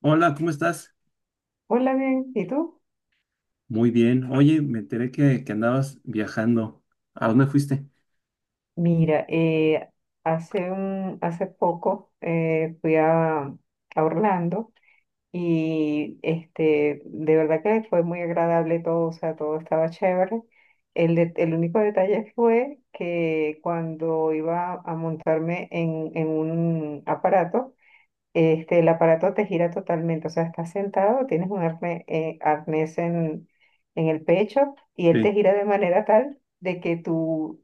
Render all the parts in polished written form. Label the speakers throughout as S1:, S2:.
S1: Hola, ¿cómo estás?
S2: Hola, bien, ¿y tú?
S1: Muy bien. Oye, me enteré que andabas viajando. ¿A dónde fuiste?
S2: Mira, hace poco fui a Orlando y de verdad que fue muy agradable todo, o sea, todo estaba chévere. El único detalle fue que cuando iba a montarme en un aparato, el aparato te gira totalmente, o sea, estás sentado, tienes un arnés en el pecho y él te
S1: Sí,
S2: gira de manera tal de que tú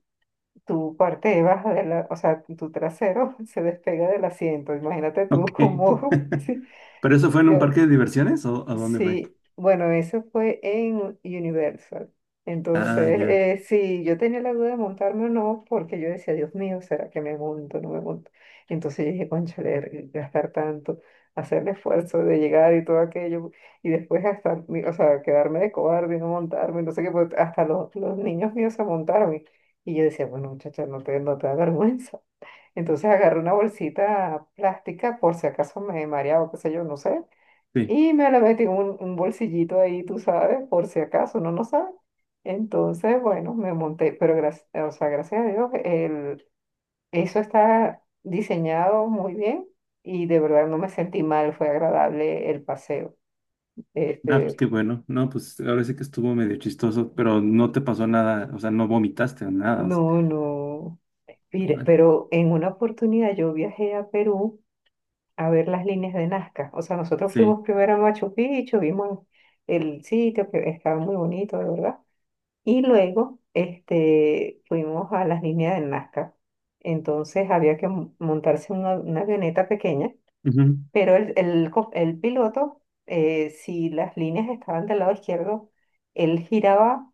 S2: tu parte de baja de la, o sea, tu trasero se despega del asiento. Imagínate
S1: ok.
S2: tú como, sí,
S1: ¿Pero eso fue en un
S2: yo
S1: parque de diversiones o a dónde fue?
S2: Sí, bueno, eso fue en Universal.
S1: Ah,
S2: Entonces,
S1: ya,
S2: sí, yo tenía la duda de montarme o no, porque yo decía, Dios mío, ¿será que me monto o no me monto? Entonces yo dije, cónchale, gastar tanto, hacer el esfuerzo de llegar y todo aquello, y después o sea, quedarme de cobarde y no montarme, no sé qué, pues, hasta los niños míos se montaron. Y yo decía, bueno, muchacha, no te da vergüenza. Entonces agarré una bolsita plástica por si acaso me mareaba, qué sé yo, no sé.
S1: sí.
S2: Y me le metí un bolsillito ahí, tú sabes, por si acaso, uno no sabe. Entonces, bueno, me monté, pero gracias, o sea, gracias a Dios, eso está diseñado muy bien y de verdad no me sentí mal, fue agradable el paseo.
S1: Ah, pues qué
S2: Este,
S1: bueno. No, pues ahora sí que estuvo medio chistoso, pero no te pasó nada, o sea, no vomitaste o nada. O sea,
S2: no, no. Mire,
S1: ah,
S2: pero en una oportunidad yo viajé a Perú a ver las líneas de Nazca. O sea, nosotros
S1: sí,
S2: fuimos primero a Machu Picchu, vimos el sitio que estaba muy bonito, de verdad. Y luego fuimos a las líneas del Nazca. Entonces había que montarse una avioneta pequeña,
S1: ujú,
S2: pero el piloto, si las líneas estaban del lado izquierdo, él giraba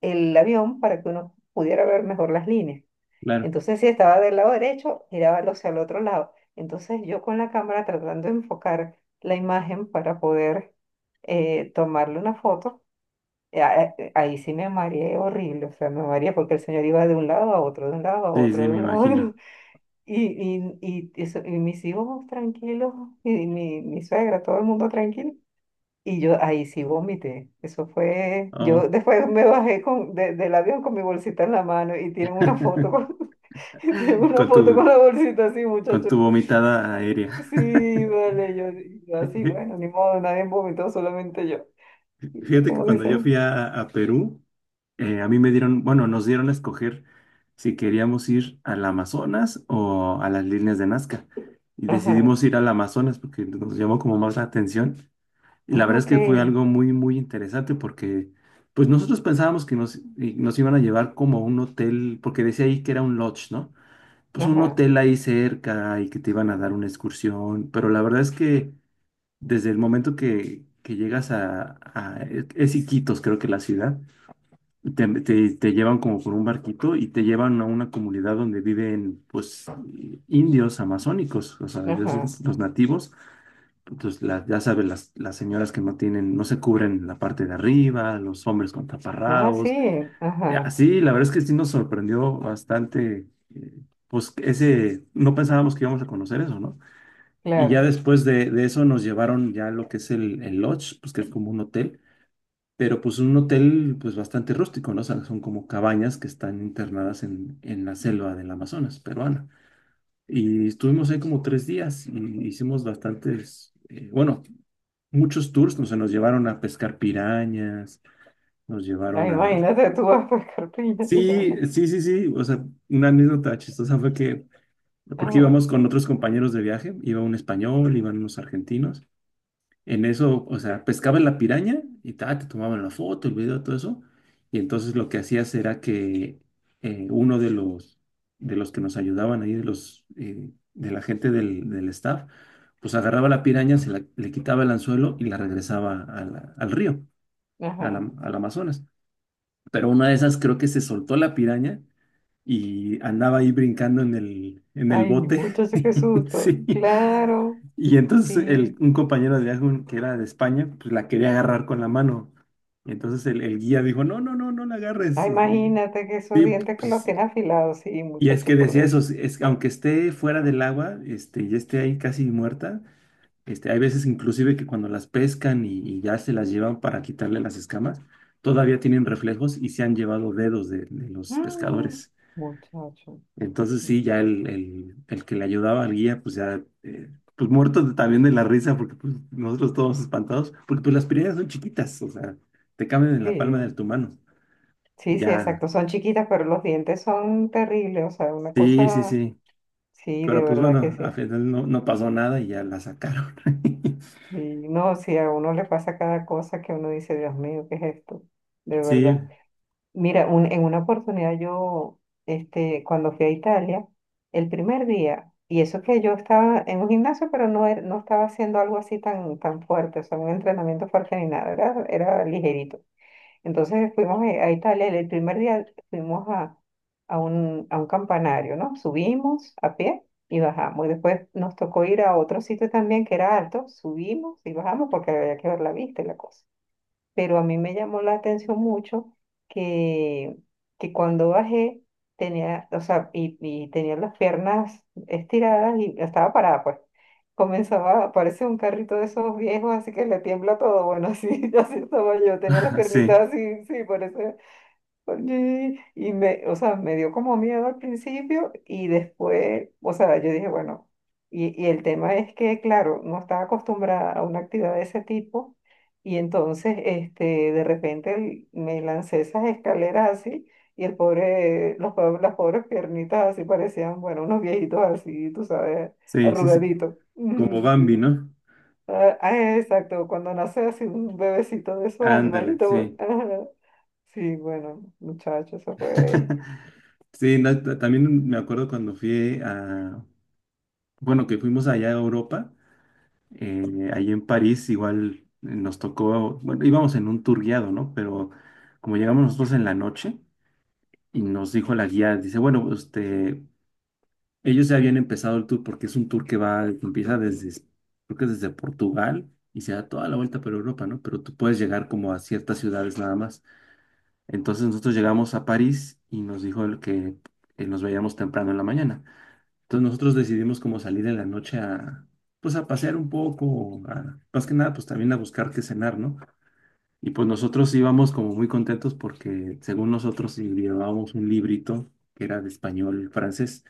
S2: el avión para que uno pudiera ver mejor las líneas.
S1: claro.
S2: Entonces si estaba del lado derecho, giraba hacia el otro lado. Entonces yo con la cámara tratando de enfocar la imagen para poder tomarle una foto ahí sí me mareé horrible, o sea, me mareé porque el señor iba de un lado a otro, de un lado a
S1: Sí, sí,
S2: otro, de
S1: me
S2: un lado a otro.
S1: imagino.
S2: Y mis hijos tranquilos, y mi suegra, todo el mundo tranquilo. Y yo ahí sí vomité. Eso fue,
S1: Oh.
S2: yo después me bajé del avión con mi bolsita en la mano y tienen una foto con, tienen una
S1: Con
S2: foto con
S1: tu,
S2: la bolsita así,
S1: con
S2: muchachos.
S1: tu vomitada aérea.
S2: Sí, vale, yo así, bueno, ni modo, nadie vomitó, solamente yo.
S1: Fíjate que
S2: ¿Cómo
S1: cuando yo
S2: dicen?
S1: fui a Perú, a mí me dieron, bueno, nos dieron a escoger si queríamos ir al Amazonas o a las líneas de Nazca. Y
S2: Ajá.
S1: decidimos ir al Amazonas porque nos llamó como más la atención. Y
S2: Ah,
S1: la verdad es
S2: ok.
S1: que fue algo muy, muy interesante porque pues nosotros pensábamos y nos iban a llevar como a un hotel, porque decía ahí que era un lodge, ¿no? Pues un
S2: Ajá.
S1: hotel ahí cerca y que te iban a dar una excursión. Pero la verdad es que desde el momento que llegas es Iquitos, creo que la ciudad. Te llevan como por un barquito y te llevan a una comunidad donde viven pues indios amazónicos, o sea, de
S2: Ajá.
S1: esos, los nativos. Entonces, ya sabes, las señoras que no tienen, no se cubren la parte de arriba, los hombres con
S2: Ah,
S1: taparrabos.
S2: sí,
S1: Eh,
S2: ajá,
S1: Así, la verdad es que sí nos sorprendió bastante, eh, pues ese, no pensábamos que íbamos a conocer eso, ¿no? Y ya
S2: claro.
S1: después de eso nos llevaron ya a lo que es el lodge, pues que es como un hotel, pero pues un hotel pues bastante rústico, ¿no? O sea, son como cabañas que están internadas en la selva del Amazonas peruana. Y estuvimos ahí como 3 días y hicimos bastantes, bueno, muchos tours, no sé, nos llevaron a pescar pirañas, nos
S2: Ay,
S1: llevaron a...
S2: imagínate tú vas a pescar piña de
S1: Sí,
S2: araña.
S1: sí, sí, sí, o sea, una anécdota chistosa fue que, porque
S2: Ajá,
S1: íbamos con otros compañeros de viaje, iba un español, iban unos argentinos. En eso, o sea, pescaban la piraña y te tomaban la foto, el video, todo eso. Y entonces lo que hacías era que uno de los que nos ayudaban ahí, de la gente del staff, pues agarraba la piraña, le quitaba el anzuelo y la regresaba a la- al río,
S2: ajá.
S1: al Amazonas. Pero una de esas creo que se soltó la piraña y andaba ahí brincando en el
S2: Ay,
S1: bote.
S2: muchacho, qué susto.
S1: Sí.
S2: Claro,
S1: Y entonces
S2: sí.
S1: un compañero de viaje que era de España, pues la quería agarrar con la mano. Y entonces el guía dijo, no, no, no, no la agarres.
S2: Ay, imagínate que esos
S1: Sí,
S2: dientes que los
S1: pues,
S2: tiene afilados, sí,
S1: y es
S2: muchacho,
S1: que
S2: por
S1: decía
S2: Dios.
S1: eso, "Sí, es, aunque esté fuera del agua, y esté ahí casi muerta, hay veces inclusive que cuando las pescan y ya se las llevan para quitarle las escamas, todavía tienen reflejos y se han llevado dedos de los
S2: Mm,
S1: pescadores.
S2: muchacho.
S1: Entonces sí, ya el que le ayudaba al guía, pues ya, pues muertos también de la risa, porque pues nosotros todos espantados, porque pues las piedras son chiquitas, o sea, te caben en la palma de
S2: Sí,
S1: tu mano.
S2: sí, sí, exacto.
S1: Ya,
S2: Son chiquitas, pero los dientes son terribles. O sea, una
S1: sí, sí,
S2: cosa,
S1: sí.
S2: sí, de
S1: Pero pues
S2: verdad que
S1: bueno, al
S2: sí.
S1: final no pasó nada y ya la sacaron.
S2: Y no, si a uno le pasa cada cosa que uno dice, Dios mío, ¿qué es esto? De verdad.
S1: Sí,
S2: Mira, en una oportunidad cuando fui a Italia, el primer día, y eso que yo estaba en un gimnasio, pero no, no estaba haciendo algo así tan fuerte, o sea, un entrenamiento fuerte ni nada, era ligerito. Entonces fuimos a Italia, el primer día fuimos a, a un campanario, ¿no? Subimos a pie y bajamos. Y después nos tocó ir a otro sitio también que era alto, subimos y bajamos porque había que ver la vista y la cosa, pero a mí me llamó la atención mucho que, que cuando bajé tenía, o sea, y tenía las piernas estiradas y estaba parada, pues. Comenzaba a parecer un carrito de esos viejos, así que le tiembla todo. Bueno, así estaba yo, tenía las
S1: ah,
S2: piernitas
S1: sí,
S2: así, sí, por eso o sea, me dio como miedo al principio y después, o sea, yo dije, bueno, y el tema es que, claro, no estaba acostumbrada a una actividad de ese tipo y entonces, de repente me lancé esas escaleras así y el pobre, las pobres piernitas así parecían, bueno, unos viejitos así, tú sabes,
S1: sí, sí, sí.
S2: arrugaditos.
S1: Como
S2: Ujú,
S1: Bambi,
S2: sí.
S1: ¿no?
S2: Ah, ah, exacto, cuando nace así un bebecito de esos
S1: Ándale,
S2: animalitos. Güey.
S1: sí.
S2: Sí, bueno, muchachos, eso fue.
S1: Sí, no, también me acuerdo cuando bueno, que fuimos allá a Europa. Ahí en París igual, nos tocó, bueno, íbamos en un tour guiado, ¿no? Pero como llegamos nosotros en la noche y nos dijo la guía, dice, bueno, ellos ya habían empezado el tour porque es un tour que empieza desde, creo que es desde Portugal y se da toda la vuelta por Europa, ¿no? Pero tú puedes llegar como a ciertas ciudades nada más. Entonces nosotros llegamos a París y nos dijo el que nos veíamos temprano en la mañana. Entonces nosotros decidimos como salir en la noche pues a pasear un poco, más que nada, pues también a buscar qué cenar, ¿no? Y pues nosotros íbamos como muy contentos porque según nosotros sí llevábamos un librito que era de español y francés.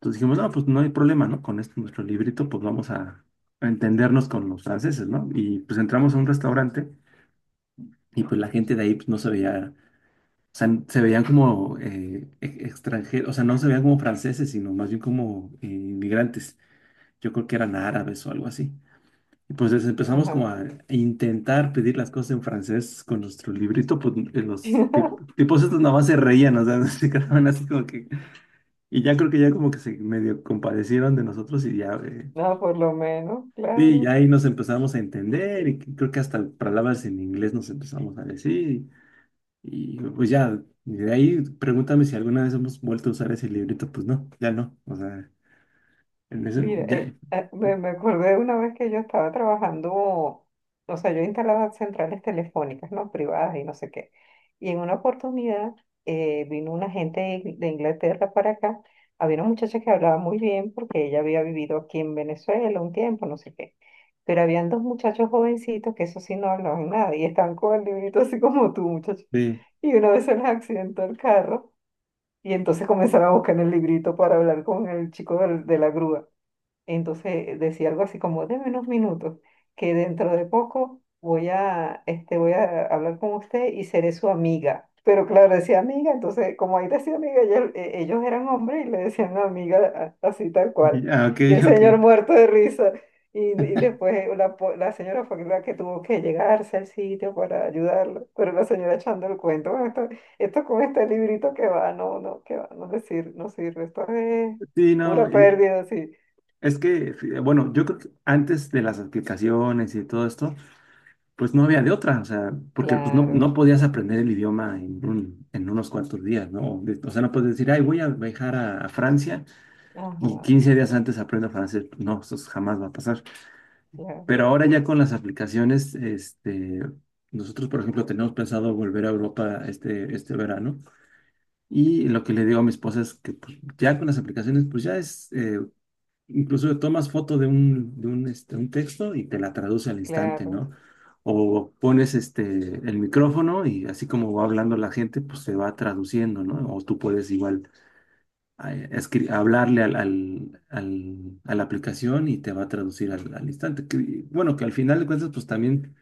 S1: Entonces dijimos, no, pues no hay problema, ¿no? Con este nuestro librito, pues vamos a entendernos con los franceses, ¿no? Y pues entramos a un restaurante y pues la gente de ahí pues, no se veía, o sea, se veían como extranjeros, o sea, no se veían como franceses, sino más bien como inmigrantes. Yo creo que eran árabes o algo así. Y pues les empezamos
S2: Ajá.
S1: como a intentar pedir las cosas en francés con nuestro librito, pues tipos estos nada más se reían, o sea, se quedaban así como que... Y ya creo que ya como que se medio compadecieron de nosotros y ya,
S2: No, por lo menos,
S1: sí,
S2: claro.
S1: ya ahí nos empezamos a entender y creo que hasta palabras en inglés nos empezamos a decir. Y pues ya, y de ahí pregúntame si alguna vez hemos vuelto a usar ese librito, pues no, ya no, o sea, en ese,
S2: Mira,
S1: ya,
S2: me acordé de una vez que yo estaba trabajando, o sea, yo instalaba centrales telefónicas, ¿no? Privadas y no sé qué. Y en una oportunidad vino una gente de de Inglaterra para acá. Había una muchacha que hablaba muy bien porque ella había vivido aquí en Venezuela un tiempo, no sé qué. Pero habían dos muchachos jovencitos que eso sí no hablaban nada y estaban con el librito así como tú, muchacho.
S1: sí,
S2: Y una vez se les accidentó el carro y entonces comenzaron a buscar en el librito para hablar con el chico de la grúa. Entonces decía algo así como, deme unos minutos, que dentro de poco voy a, voy a hablar con usted y seré su amiga. Pero claro, decía amiga, entonces como ahí decía amiga, ellos eran hombres y le decían amiga así tal cual.
S1: ah, ok,
S2: Y el
S1: ok.
S2: señor muerto de risa. Y después la señora fue la que tuvo que llegarse al sitio para ayudarlo. Pero la señora echando el cuento, "Bueno, esto con este librito que va, no, no, que va, no sirve, esto es
S1: Sí, no.
S2: pura pérdida, sí.
S1: Es que, bueno, yo creo que antes de las aplicaciones y todo esto, pues no había de otra, o sea, porque pues no,
S2: Claro,
S1: no podías aprender el idioma en unos cuantos días, ¿no? O sea, no puedes decir, ay, voy a viajar a Francia y
S2: ajá,
S1: 15 días antes aprendo francés. No, eso jamás va a pasar.
S2: claro,
S1: Pero ahora ya con las aplicaciones, nosotros, por ejemplo, tenemos pensado volver a Europa este verano, y lo que le digo a mi esposa es que pues, ya con las aplicaciones, pues ya es, incluso tomas foto de un texto y te la traduce al instante,
S2: claro.
S1: ¿no? O pones el micrófono y así como va hablando la gente, pues se va traduciendo, ¿no? O tú puedes igual hablarle a la aplicación y te va a traducir al instante. Que, bueno, que al final de cuentas, pues también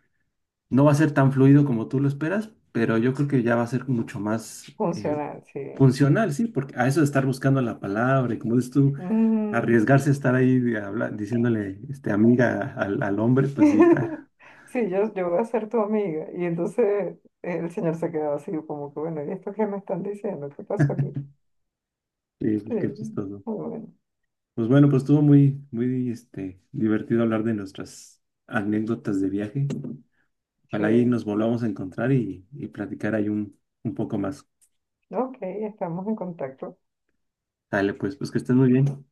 S1: no va a ser tan fluido como tú lo esperas, pero yo creo que ya va a ser mucho más eh,
S2: Funcional, sí.
S1: funcional, sí, porque a eso de estar buscando la palabra y como dices tú,
S2: Ujú.
S1: arriesgarse a estar ahí diciéndole amiga al hombre, pues sí, está,
S2: Sí, yo voy a ser tu amiga. Y entonces el señor se quedaba así, como que bueno, ¿y esto qué me están diciendo? ¿Qué pasó aquí?
S1: sí,
S2: Sí,
S1: pues qué chistoso.
S2: muy bueno.
S1: Pues bueno, pues estuvo muy, muy divertido hablar de nuestras anécdotas de viaje.
S2: Sí,
S1: Ojalá ahí nos volvamos a encontrar y platicar ahí un poco más.
S2: ok, estamos en contacto.
S1: Dale, pues que estés muy bien.